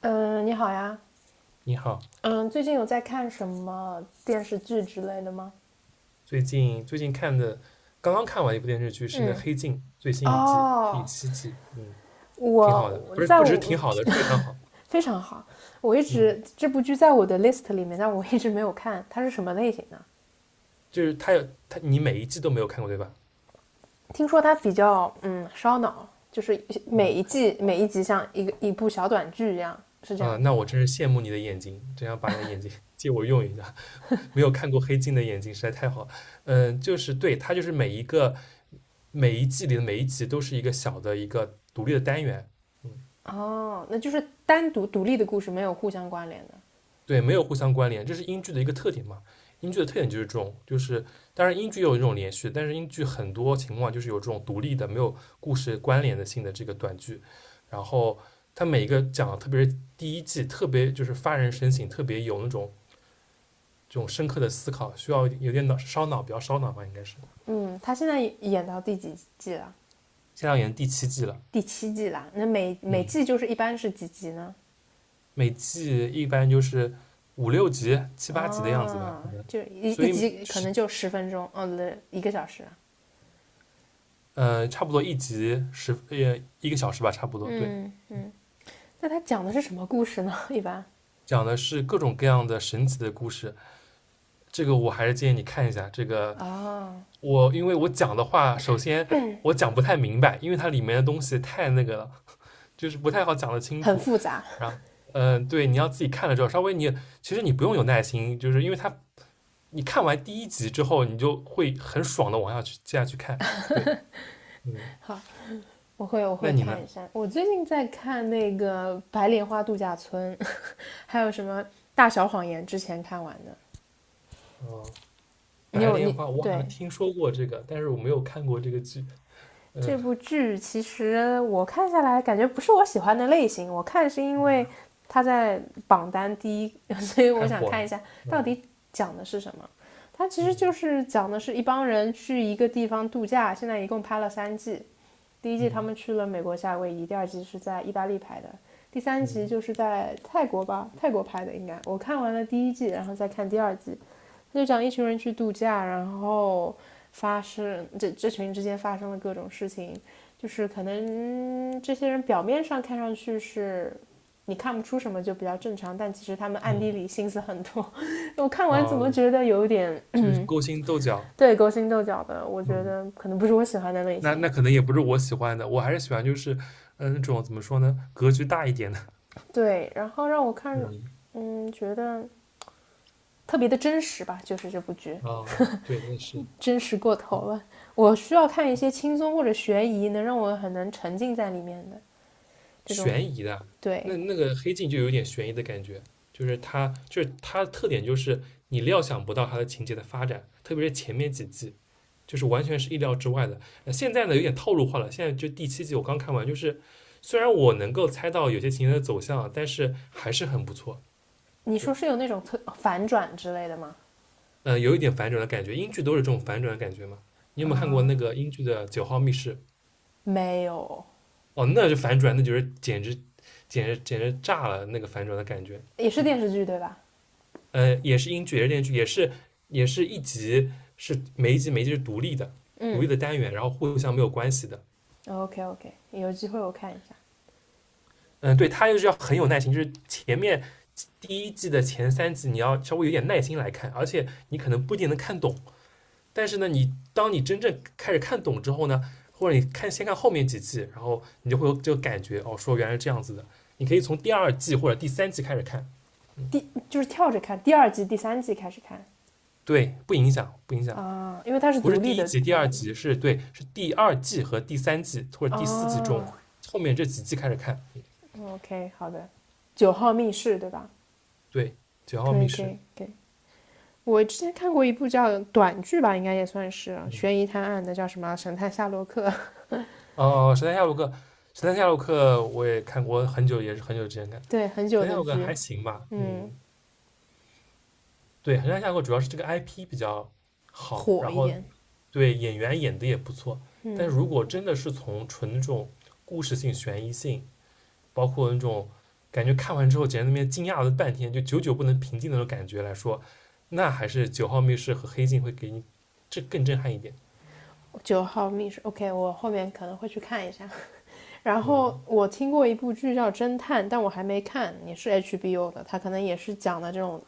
嗯，你好呀。你好。嗯，最近有在看什么电视剧之类的吗？最近看的，刚刚看完一部电视剧是那嗯，《黑镜》最新一季第哦，七季，挺我好的。我不是在不只是我 挺好的，是非常好。非常好，我一嗯，直这部剧在我的 list 里面，但我一直没有看。它是什么类型的？就是它，你每一季都没有看过对吧？听说它比较烧脑，就是每一季每一集像一部小短剧一样，是这啊，样。那我真是羡慕你的眼睛，真想把你的眼睛 借我用一下，没有看过《黑镜》的眼睛实在太好了。就是对，它就是每一季里的每一集都是一个独立的单元。嗯。哦，那就是单独独立的故事，没有互相关联的。对，没有互相关联，这是英剧的一个特点嘛。英剧的特点就是这种，当然英剧也有这种连续，但是英剧很多情况就是有这种独立的、没有故事关联的性的这个短剧。然后它每一个讲，特别是第一季，特别就是发人深省，特别有那种这种深刻的思考，需要有点脑烧脑，比较烧脑吧，应该是。嗯，他现在演到第几季了？现在演第七季了。第七季啦，那每每嗯，季就是一般是几集呢？每季一般就是五六集、七八集的样子吧，啊，可能。就一所一以就集可是能就10分钟，哦，对，一个小时。差不多一集一个小时吧，差不多。对，嗯，那它讲的是什么故事呢？一般讲的是各种各样的神奇的故事。这个我还是建议你看一下。这个啊，我因为我讲的话，首先我讲不太明白，因为它里面的东西太那个了，就是不太好讲得清很楚。复杂。然后，对，你要自己看了之后，稍微你其实你不用有耐心，就是因为看完第一集之后，你就会很爽的往下去接下去看。对。嗯，好，我会我那会你呢？看一下。我最近在看那个《白莲花度假村》，还有什么《大小谎言》，之前看完的。嗯，你白有莲你花，我好对，像听说过这个，但是我没有看过这个剧。嗯，这部剧其实我看下来感觉不是我喜欢的类型，我看是因为它在榜单第一，所以我太想火看了。一下到嗯。底讲的是什么。它其实就嗯。是讲的是一帮人去一个地方度假，现在一共拍了三季。第一季他嗯。们去了美国夏威夷，第二季是在意大利拍的，第三嗯。集就是在泰国吧，泰国拍的应该。我看完了第一季，然后再看第二季。他就讲一群人去度假，然后发生这这群之间发生了各种事情，就是可能这些人表面上看上去是你看不出什么，就比较正常，但其实他们暗地嗯。里心思很多。我看完怎啊，么觉得有点 就是 勾心斗角。对，勾心斗角的，我觉嗯，得可能不是我喜欢的类那型。那可能也不是我喜欢的，我还是喜欢就是，那种怎么说呢，格局大一点的。对，然后让我看，嗯，嗯，觉得特别的真实吧，就是这部剧。啊，对，那是。真实过头了。我需要看一些轻松或者悬疑，能让我很能沉浸在里面的这种。对，那那个黑镜就有点悬疑的感觉，就是它的特点就是你料想不到它的情节的发展，特别是前面几季，就是完全是意料之外的。呃，现在呢有点套路化了，现在就第七季我刚看完，就是虽然我能够猜到有些情节的走向，但是还是很不错。你对，说是有那种特反转之类的吗？有一点反转的感觉，英剧都是这种反转的感觉嘛。你有没有看过那个英剧的《九号密室》？没有，哦，那就反转，那就是简直简直炸了那个反转的感觉。也是嗯，电视剧对吧？也是英剧，也是电视剧，也是也是一集是每一集是独立的，独嗯立的单元，然后互相没有关系的。，OK OK，有机会我看一下。嗯，对，它就是要很有耐心，就是前面第一季的前三集你要稍微有点耐心来看，而且你可能不一定能看懂。但是呢，你真正开始看懂之后呢，或者你看后面几季，然后你就会有这个感觉，哦，说原来是这样子的。你可以从第二季或者第三季开始看。就是跳着看，第二季、第三季开始看。对，不影响，不影响。啊，因为它是不独是立第一的集、第二集，是，对，是第二季和第三季或者第四季中啊。后面这几季开始看。OK，好的。九号密室对吧？对，《九号可以密可室》。以可以。我之前看过一部叫短剧吧，应该也算是嗯，悬疑探案的，叫什么啊《神探夏洛克》。哦，《神探夏洛克》，《神探夏洛克》我也看过很久，也是很久之前看，对，很久《神探夏的洛克》剧，还行吧。嗯，嗯，对，《神探夏洛克》主要是这个 IP 比较好，火然一后点。对演员演的也不错，但是如果真的是从纯那种故事性、悬疑性，包括那种感觉看完之后，简直那边惊讶了半天，就久久不能平静的那种感觉来说，那还是九号密室和黑镜会给你这更震撼一点。九号密室，OK，我后面可能会去看一下。然后嗯，我听过一部剧叫《侦探》，但我还没看，也是 HBO 的，它可能也是讲的这种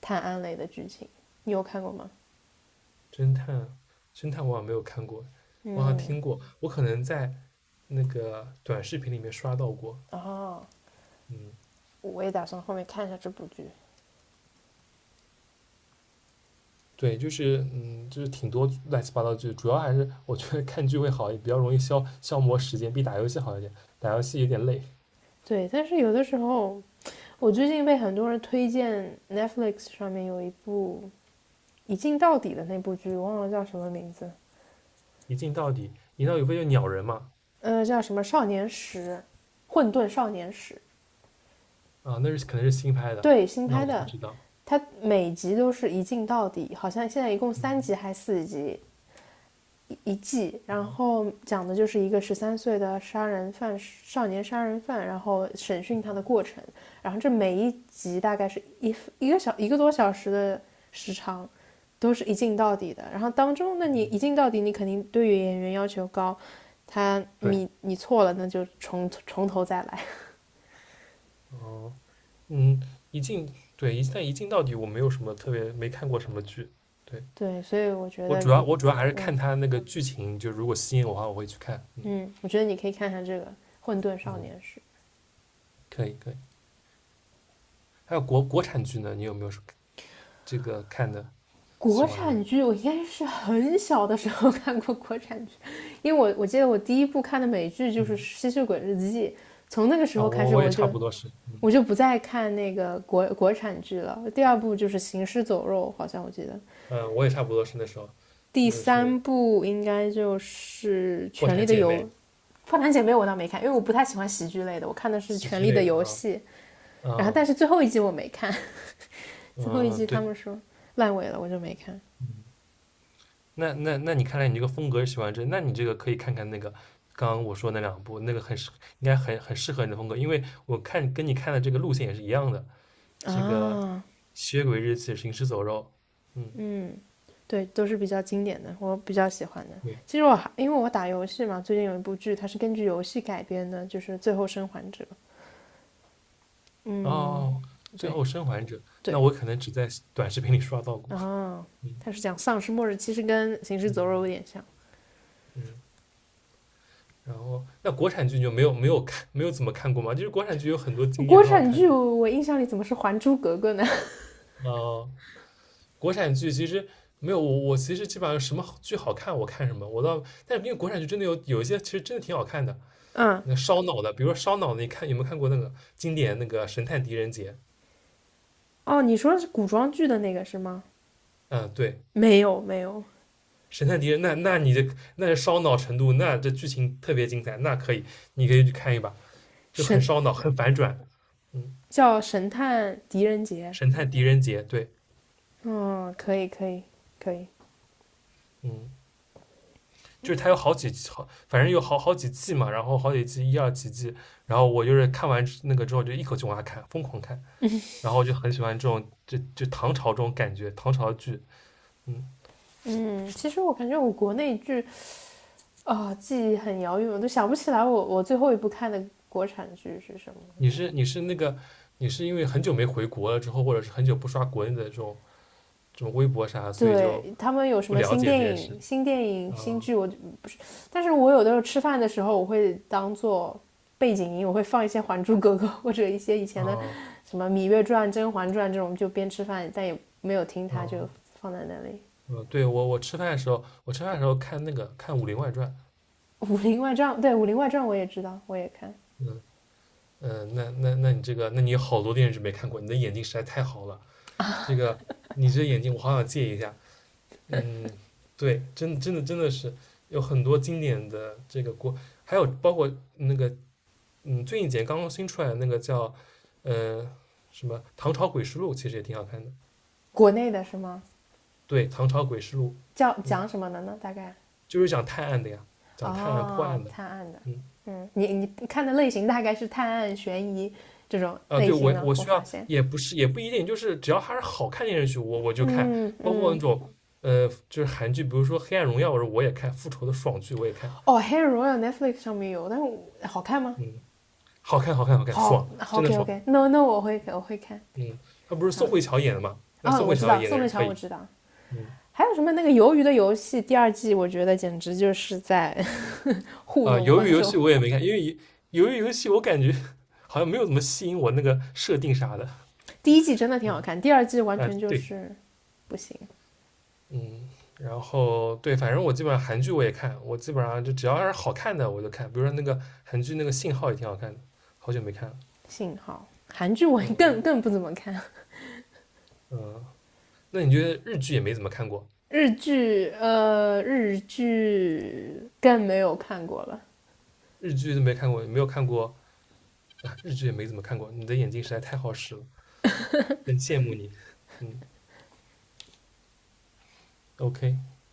探案类的剧情。你有看过吗？侦探，侦探我好像没有看过，我好像嗯，听过，我可能在那个短视频里面刷到过。然后嗯，我也打算后面看一下这部剧。对，就是挺多乱七八糟剧，主要还是我觉得看剧会好，也比较容易消磨时间，比打游戏好一点。打游戏有点累。对，但是有的时候，我最近被很多人推荐 Netflix 上面有一部一镜到底的那部剧，忘了叫什么名字，一镜到底，一镜到底不就鸟人嘛？叫什么《少年时》，《混沌少年时》，啊，那是可能是新拍的，对，新那拍我不的，知道。它每集都是一镜到底，好像现在一共三集还是四集，一季，然后讲的就是一个13岁的杀人犯，少年杀人犯，然后审讯他的过程。然后这每一集大概是一个多小时的时长，都是一镜到底的。然后当中，那你一镜到底，你肯定对于演员要求高，他对，你错了，那就从头再来。哦，嗯，一镜，对，一镜到底我没有什么特别，没看过什么剧。对，对，所以我觉我得，主要嗯我主要还是看嗯他那个剧情，就如果吸引我的话，我会去看。嗯。嗯，我觉得你可以看看这个《混沌少嗯，年时》。可以可以。还有国产剧呢，你有没有什么这个看的国喜欢的？产剧我应该是很小的时候 看过国产剧，因为我记得我第一部看的美剧就是嗯，《吸血鬼日记》，从那个时啊，候开我始我也我差就不多是，嗯。我就不再看那个国产剧了。第二部就是《行尸走肉》，好像我记得，我也差不多是那时候，第就是三部应该就是《破《权力产的姐妹》游》，《花篮姐妹》我倒没看，因为我不太喜欢喜剧类的，我看的是喜《权剧力的类的游啊。戏》，然后但嗯。是最后一季我没看，嗯。最后一嗯，季他对，们说烂尾了，我就没看嗯，那你看来你这个风格是喜欢这，那你这个可以看看那个刚刚我说那两部，那个很适，应该很适合你的风格，因为我看跟你看的这个路线也是一样的，这个啊，吸血鬼日记、行尸走肉。嗯，嗯。对，都是比较经典的，我比较喜欢的。对，其实我还因为我打游戏嘛，最近有一部剧，它是根据游戏改编的，就是《最后生还者》。哦，最对，后生还者，那对，我可能只在短视频里刷到过。啊，嗯。它是讲丧尸末日，其实跟《行尸嗯。走肉》有点像。嗯，然后那国产剧你就没有怎么看过吗？就是国产剧有很多经典国很好产看剧的。我印象里怎么是《还珠格格》呢？呃，国产剧其实没有我，我其实基本上什么剧好看我看什么，我倒，但是因为国产剧真的有一些其实真的挺好看的。嗯，那烧脑的，比如说烧脑的，你看有没有看过那个经典那个《神探狄仁杰》？哦，你说的是古装剧的那个是吗？嗯，对，没有，没有，《神探狄仁》，那那你这那是烧脑程度，那这剧情特别精彩，那可以，你可以去看一把，就很神烧脑，很反转。嗯，叫神探狄仁杰。《神探狄仁杰》，对。嗯，可以，可以，可以。嗯。就是它有好几好，反正有好几季嘛，然后好几季一二几季，然后我就是看完那个之后就一口气往下看，疯狂看，然后我就很喜欢这种就唐朝这种感觉，唐朝剧。嗯，嗯，其实我感觉我国内剧啊，记忆很遥远，我都想不起来我最后一部看的国产剧是什么。你是你是那个你是因为很久没回国了之后，或者是很久不刷国内的这种微博啥，所以对就他们有什不么了新解这电件事。影、新电影、啊新剧，我但是我有的时候吃饭的时候，我会当做背景音，我会放一些《还珠格格》或者一些以前的啊什么《芈月传》《甄嬛传》这种，就边吃饭，但也没有听它，就啊放在那里。啊，对，我吃饭的时候，我吃饭的时候看那个看《武林外传》。《武林外传》对，《武林外传》我也知道，我也看。嗯。嗯，那你这个，那你有好多电视剧没看过，你的眼睛实在太好了。这个，你这眼睛我好想借一下。嗯，对，真的是有很多经典的这个国，还有包括那个，最近几年刚刚新出来的那个叫，呃，什么《唐朝诡事录》，其实也挺好看的。国内的是吗？对，《唐朝诡事录》，叫嗯，讲什么的呢？大概就是讲探案的呀，讲探案破哦，案的。探案的。嗯。嗯，你看的类型大概是探案、悬疑这种啊，类对，型我呢？我我需发要现。也不是也不一定，就是只要它是好看电视剧，我就看，嗯包括那嗯，种就是韩剧，比如说《黑暗荣耀》，我说我也看，《复仇》的爽剧我也看。哦，《黑人荣耀》Netflix 上面有，但是好看吗？嗯，好看，好看，好看，好爽，真的，OK 爽。OK，no no 我会看。嗯，他不是宋好，慧乔演的嘛？那哦，宋慧我知乔道，演的宋是慧可乔我以。知道。嗯，还有什么那个《鱿鱼的游戏》第二季，我觉得简直就是在 糊啊，弄鱿鱼观游众。戏我也没看，因为鱿鱼游戏我感觉 好像没有怎么吸引我那个设定啥的。第一季真的挺嗯，好看，第二季完啊，全就对，是不行。嗯，然后对，反正我基本上韩剧我也看，我基本上就只要是好看的我就看，比如说那个韩剧那个《信号》也挺好看的，好久没看了。幸好韩剧我嗯我更不怎么看。嗯，那你觉得日剧也没怎么看过？日剧更没有看过了。日剧都没看过，也没有看过，啊，日剧也没怎么看过。你的眼睛实在太好使了，很羡慕你。嗯，OK。